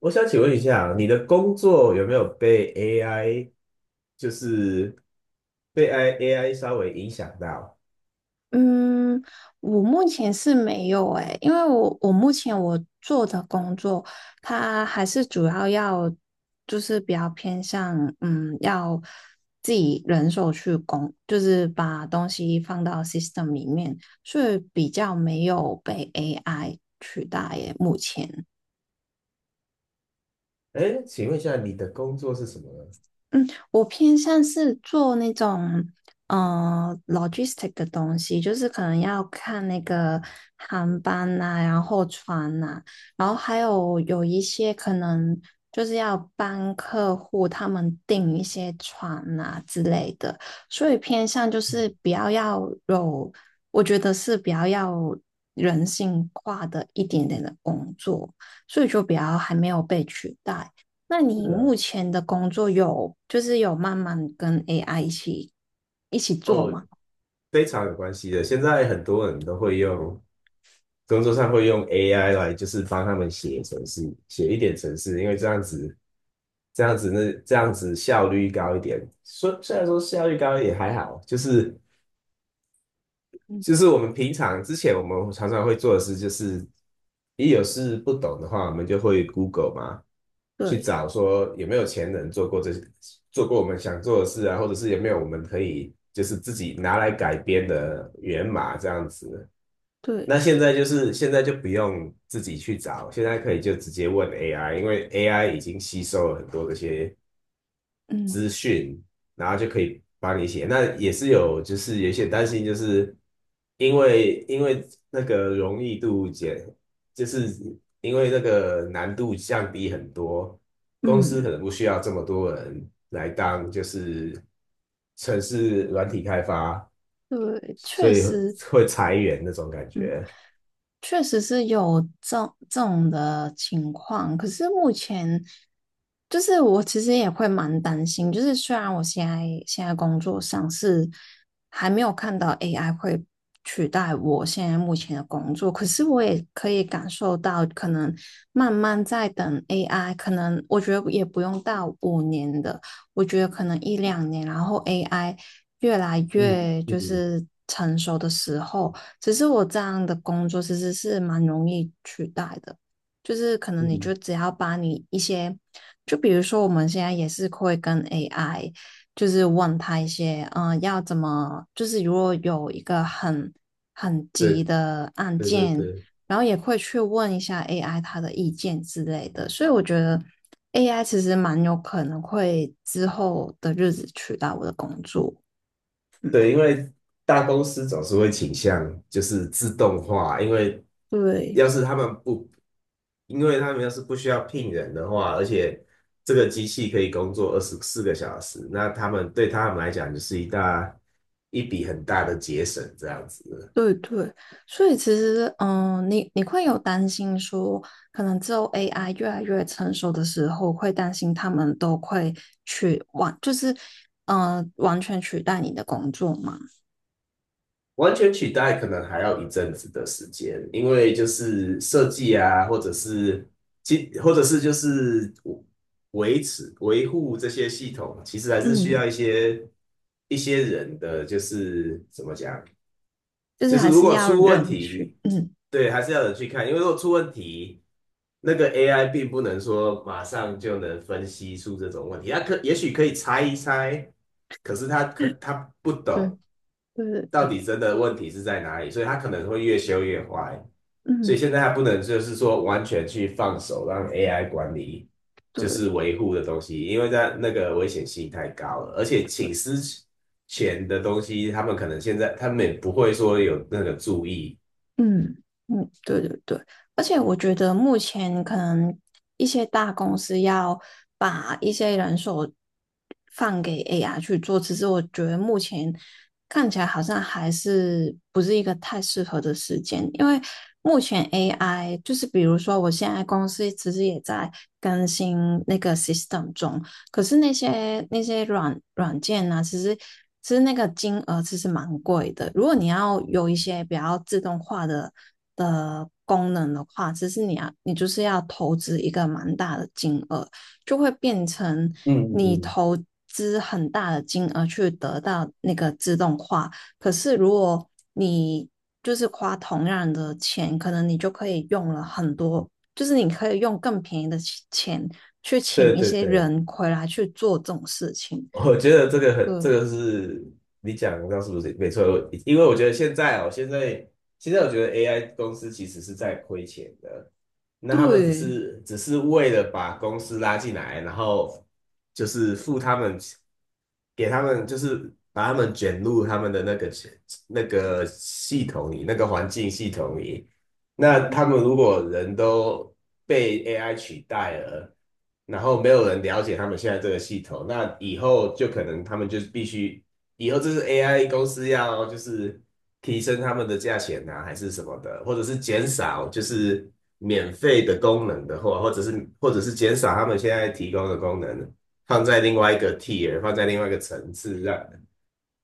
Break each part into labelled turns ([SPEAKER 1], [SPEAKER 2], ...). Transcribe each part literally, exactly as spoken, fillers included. [SPEAKER 1] 我想请问一下，你的工作有没有被 A I，就是被 A I A I 稍微影响到？
[SPEAKER 2] 嗯，我目前是没有诶，因为我我目前我做的工作，它还是主要要就是比较偏向嗯，要自己人手去工，就是把东西放到 system 里面，所以比较没有被 A I 取代耶，目前。
[SPEAKER 1] 哎，请问一下，你的工作是什么呢？
[SPEAKER 2] 嗯，我偏向是做那种呃 logistic 的东西，就是可能要看那个航班呐、然后船呐、然后还有有一些可能就是要帮客户他们订一些船呐、之类的，所以偏向就是比较要有，我觉得是比较要人性化的一点点的工作，所以就比较还没有被取代。那你
[SPEAKER 1] 是啊。
[SPEAKER 2] 目前的工作有就是有慢慢跟 A I 一起一起做
[SPEAKER 1] 哦，
[SPEAKER 2] 吗？
[SPEAKER 1] 非常有关系的。现在很多人都会用工作上会用 A I 来，就是帮他们写程式，写一点程式，因为这样子，这样子那这样子效率高一点。说虽然说效率高也还好，就是
[SPEAKER 2] 嗯，
[SPEAKER 1] 就是我们平常之前我们常常会做的事，就是一有事不懂的话，我们就会 Google 嘛，去
[SPEAKER 2] 对
[SPEAKER 1] 找说有没有前人做过这些，做过我们想做的事啊，或者是有没有我们可以就是自己拿来改编的源码这样子。
[SPEAKER 2] 对，
[SPEAKER 1] 那现在就是现在就不用自己去找，现在可以就直接问 A I，因为 A I 已经吸收了很多这些
[SPEAKER 2] 嗯
[SPEAKER 1] 资讯，然后就可以帮你写。那也是有，就是有一些担心，就是因为因为那个容易度减，就是因为那个难度降低很多，公司
[SPEAKER 2] 嗯，
[SPEAKER 1] 可能不需要这么多人来当，就是城市软体开发，
[SPEAKER 2] 对，
[SPEAKER 1] 所
[SPEAKER 2] 确
[SPEAKER 1] 以
[SPEAKER 2] 实，
[SPEAKER 1] 会裁员那种感觉。
[SPEAKER 2] 确实是有这这种的情况，可是目前就是我其实也会蛮担心，就是虽然我现在现在工作上是还没有看到 A I 会取代我现在目前的工作，可是我也可以感受到，可能慢慢在等 A I,可能我觉得也不用到五年的，我觉得可能一两年，然后 A I 越来
[SPEAKER 1] 嗯
[SPEAKER 2] 越就
[SPEAKER 1] 嗯
[SPEAKER 2] 是成熟的时候。只是我这样的工作其实是蛮容易取代的，就是可能你就
[SPEAKER 1] 嗯，
[SPEAKER 2] 只要把你一些，就比如说我们现在也是会跟 A I,就是问他一些，嗯、要怎么，就是如果有一个很很急
[SPEAKER 1] 对
[SPEAKER 2] 的案
[SPEAKER 1] 对对
[SPEAKER 2] 件，
[SPEAKER 1] 对。
[SPEAKER 2] 然后也会去问一下 A I 他的意见之类的，所以我觉得 A I 其实蛮有可能会之后的日子取代我的工作。
[SPEAKER 1] 对，因为大公司总是会倾向就是自动化，因为
[SPEAKER 2] 对，
[SPEAKER 1] 要是他们不，因为他们要是不需要聘人的话，而且这个机器可以工作二十四个小时，那他们对他们来讲就是一大一笔很大的节省，这样子。
[SPEAKER 2] 对对，所以其实，嗯，你你会有担心说，可能之后 A I 越来越成熟的时候，会担心他们都会去完，就是，呃，完全取代你的工作吗？
[SPEAKER 1] 完全取代可能还要一阵子的时间，因为就是设计啊，或者是其或者是就是维持维护这些系统，其实还是需要
[SPEAKER 2] 嗯，
[SPEAKER 1] 一些一些人的，就是怎么讲，
[SPEAKER 2] 就是
[SPEAKER 1] 就是
[SPEAKER 2] 还
[SPEAKER 1] 如
[SPEAKER 2] 是
[SPEAKER 1] 果
[SPEAKER 2] 要
[SPEAKER 1] 出问
[SPEAKER 2] 人去，
[SPEAKER 1] 题，
[SPEAKER 2] 嗯，
[SPEAKER 1] 对，还是要有人去看，因为如果出问题，那个 A I 并不能说马上就能分析出这种问题，它可也许可以猜一猜，可是它可它不
[SPEAKER 2] 对
[SPEAKER 1] 懂。
[SPEAKER 2] 对对
[SPEAKER 1] 到
[SPEAKER 2] 对，
[SPEAKER 1] 底真的问题是在哪里，所以它可能会越修越坏。所以
[SPEAKER 2] 嗯，
[SPEAKER 1] 现在它不能就是说完全去放手让 A I 管理，就是
[SPEAKER 2] 对。
[SPEAKER 1] 维护的东西，因为在那个危险性太高了，而且请私钱的东西，他们可能现在他们也不会说有那个注意。
[SPEAKER 2] 嗯嗯，对对对，而且我觉得目前可能一些大公司要把一些人手放给 A I 去做，其实我觉得目前看起来好像还是不是一个太适合的时间，因为目前 A I 就是比如说我现在公司其实也在更新那个 system 中，可是那些那些软软件呢、其实其实那个金额其实蛮贵的。如果你要有一些比较自动化的的功能的话，其实你要你就是要投资一个蛮大的金额，就会变成
[SPEAKER 1] 嗯嗯
[SPEAKER 2] 你
[SPEAKER 1] 嗯，
[SPEAKER 2] 投资很大的金额去得到那个自动化。可是如果你就是花同样的钱，可能你就可以用了很多就是你可以用更便宜的钱去请
[SPEAKER 1] 对
[SPEAKER 2] 一
[SPEAKER 1] 对
[SPEAKER 2] 些
[SPEAKER 1] 对，
[SPEAKER 2] 人回来去做这种事情。
[SPEAKER 1] 我觉得这个很，这
[SPEAKER 2] 对
[SPEAKER 1] 个是你讲的，是不是没错？我因为我觉得现在哦，现在现在我觉得 A I 公司其实是在亏钱的，那他们只
[SPEAKER 2] 对
[SPEAKER 1] 是只是为了把公司拉进来，然后就是付他们，给他们就是把他们卷入他们的那个那个系统里，那个环境系统里，那他们如果人都被 A I 取代了，然后没有人了解他们现在这个系统，那以后就可能他们就是必须，以后这是 A I 公司要就是提升他们的价钱啊，还是什么的，或者是减少就是免费的功能的话，或者是或者是减少他们现在提供的功能，放在另外一个 tier，放在另外一个层次，让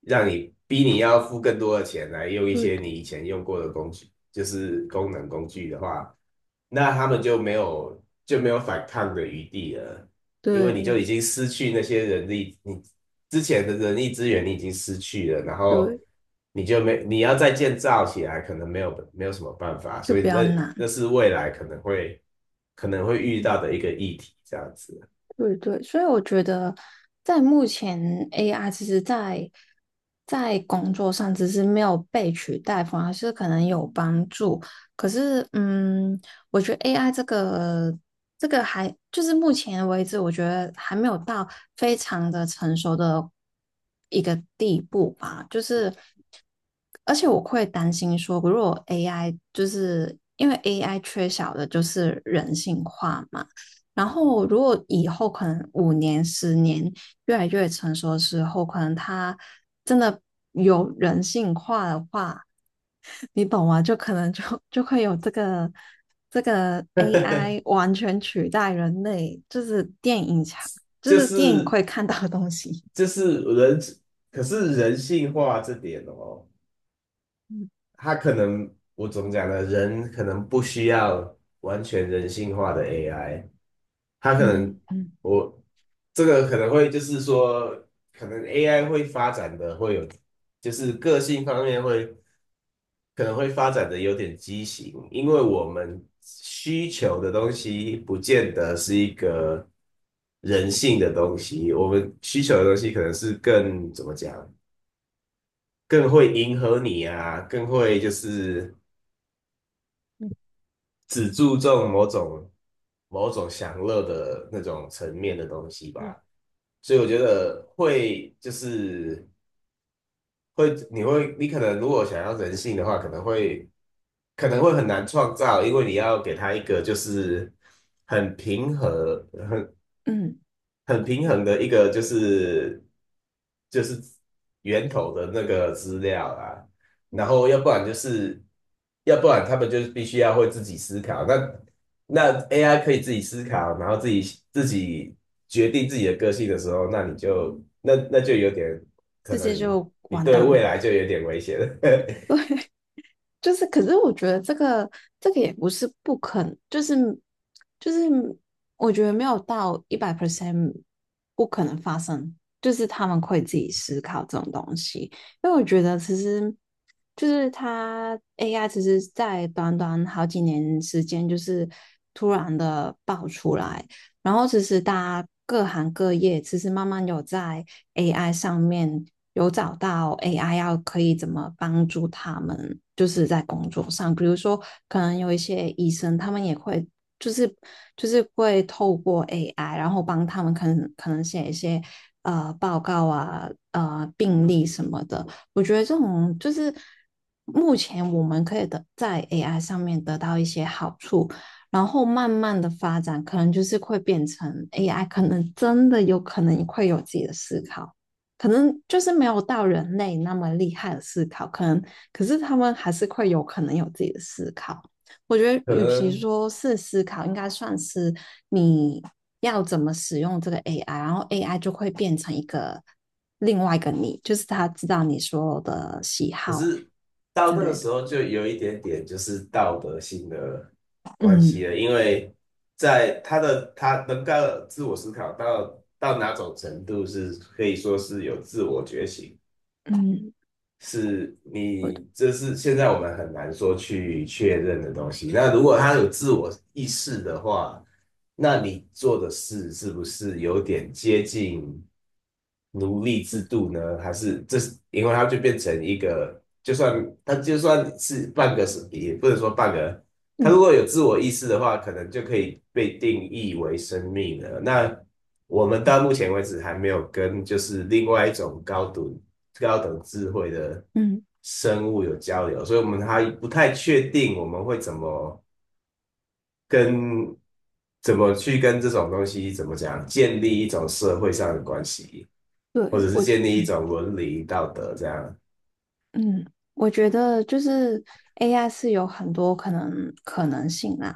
[SPEAKER 1] 让你逼你要付更多的钱来用一
[SPEAKER 2] 对
[SPEAKER 1] 些你以前用过的工具，就是功能工具的话，那他们就没有就没有反抗的余地了，因为你就已
[SPEAKER 2] 对
[SPEAKER 1] 经失去那些人力，你之前的人力资源你已经失去了，然后
[SPEAKER 2] 对，
[SPEAKER 1] 你就没你要再建造起来，可能没有没有什么办法，
[SPEAKER 2] 就
[SPEAKER 1] 所以
[SPEAKER 2] 比
[SPEAKER 1] 那
[SPEAKER 2] 较
[SPEAKER 1] 那
[SPEAKER 2] 难。
[SPEAKER 1] 是未来可能会可能会遇到的一个议题，这样子，
[SPEAKER 2] 对对，所以我觉得在目前 A I 其实在，在工作上只是没有被取代，反而是可能有帮助。可是，嗯，我觉得 A I 这个这个还就是目前为止，我觉得还没有到非常的成熟的一个地步吧。就是，而且我会担心说，如果 A I 就是因为 A I 缺少的就是人性化嘛。然后，如果以后可能五年、十年越来越成熟的时后，可能他真的有人性化的话，你懂吗？就可能就就会有这个这个 A I 完全取代人类，就是电影强，就
[SPEAKER 1] 就
[SPEAKER 2] 是电影
[SPEAKER 1] 是
[SPEAKER 2] 会看到的东西。
[SPEAKER 1] 就是人。可是人性化这点哦，
[SPEAKER 2] 嗯
[SPEAKER 1] 他可能我怎么讲呢？人可能不需要完全人性化的 A I，他可能
[SPEAKER 2] 嗯，嗯
[SPEAKER 1] 我这个可能会就是说，可能 A I 会发展的会有，就是个性方面会可能会发展的有点畸形，因为我们需求的东西不见得是一个人性的东西，我们需求的东西可能是更怎么讲？更会迎合你啊，更会就是只注重某种某种享乐的那种层面的东西吧。所以我觉得会就是会，你会你可能如果想要人性的话，可能会可能会很难创造，因为你要给他一个就是很平和，
[SPEAKER 2] 嗯，
[SPEAKER 1] 很平衡的一个就是就是源头的那个资料啦，然后要不然就是要不然他们就是必须要会自己思考，那那 A I 可以自己思考，然后自己自己决定自己的个性的时候，那你就那那就有点可
[SPEAKER 2] 世界
[SPEAKER 1] 能
[SPEAKER 2] 就
[SPEAKER 1] 你
[SPEAKER 2] 完
[SPEAKER 1] 对
[SPEAKER 2] 蛋了。
[SPEAKER 1] 未来就有点危险了，
[SPEAKER 2] 就是，可是我觉得这个这个也不是不可能，就是就是，我觉得没有到一百 percent 不可能发生，就是他们会自己思考这种东西，因为我觉得其实就是它 A I 其实在短短好几年时间，就是突然的爆出来，然后其实大家各行各业其实慢慢有在 A I 上面有找到 A I 要可以怎么帮助他们，就是在工作上，比如说可能有一些医生，他们也会就是就是会透过 A I,然后帮他们可能可能写一些呃报告啊、呃病例什么的。我觉得这种就是目前我们可以得在 A I 上面得到一些好处。然后慢慢的发展，可能就是会变成 A I,可能真的有可能会有自己的思考，可能就是没有到人类那么厉害的思考，可能可是他们还是会有可能有自己的思考。我觉得，
[SPEAKER 1] 可
[SPEAKER 2] 与其
[SPEAKER 1] 能
[SPEAKER 2] 说是思考，应该算是你要怎么使用这个 A I,然后 A I 就会变成一个另外一个你，就是他知道你所有的喜
[SPEAKER 1] 可
[SPEAKER 2] 好
[SPEAKER 1] 是到
[SPEAKER 2] 之
[SPEAKER 1] 那个
[SPEAKER 2] 类的。
[SPEAKER 1] 时候就有一点点就是道德性的关
[SPEAKER 2] 嗯
[SPEAKER 1] 系了，因为在他的他能够自我思考到到哪种程度是可以说是有自我觉醒，
[SPEAKER 2] 嗯，
[SPEAKER 1] 是
[SPEAKER 2] 我
[SPEAKER 1] 你这是现在我们很难说去确认的东西。那如果他有自我意识的话，那你做的事是不是有点接近奴隶制
[SPEAKER 2] 嗯
[SPEAKER 1] 度呢？还是这是因为它就变成一个，就算它就算是半个是，也不能说半个。
[SPEAKER 2] 嗯
[SPEAKER 1] 他如
[SPEAKER 2] 嗯。嗯
[SPEAKER 1] 果有自我意识的话，可能就可以被定义为生命了。那我们到目前为止还没有跟就是另外一种高等高等智慧的
[SPEAKER 2] 嗯
[SPEAKER 1] 生物有交流，所以我们还不太确定我们会怎么跟怎么去跟这种东西怎么讲建立一种社会上的关系，或
[SPEAKER 2] 对，
[SPEAKER 1] 者是
[SPEAKER 2] 我，
[SPEAKER 1] 建立一
[SPEAKER 2] 嗯
[SPEAKER 1] 种伦理道德这样。
[SPEAKER 2] 嗯，我觉得就是 A I 是有很多可能可能性啦。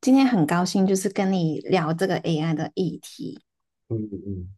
[SPEAKER 2] 今天很高兴就是跟你聊这个 A I 的议题。
[SPEAKER 1] 嗯嗯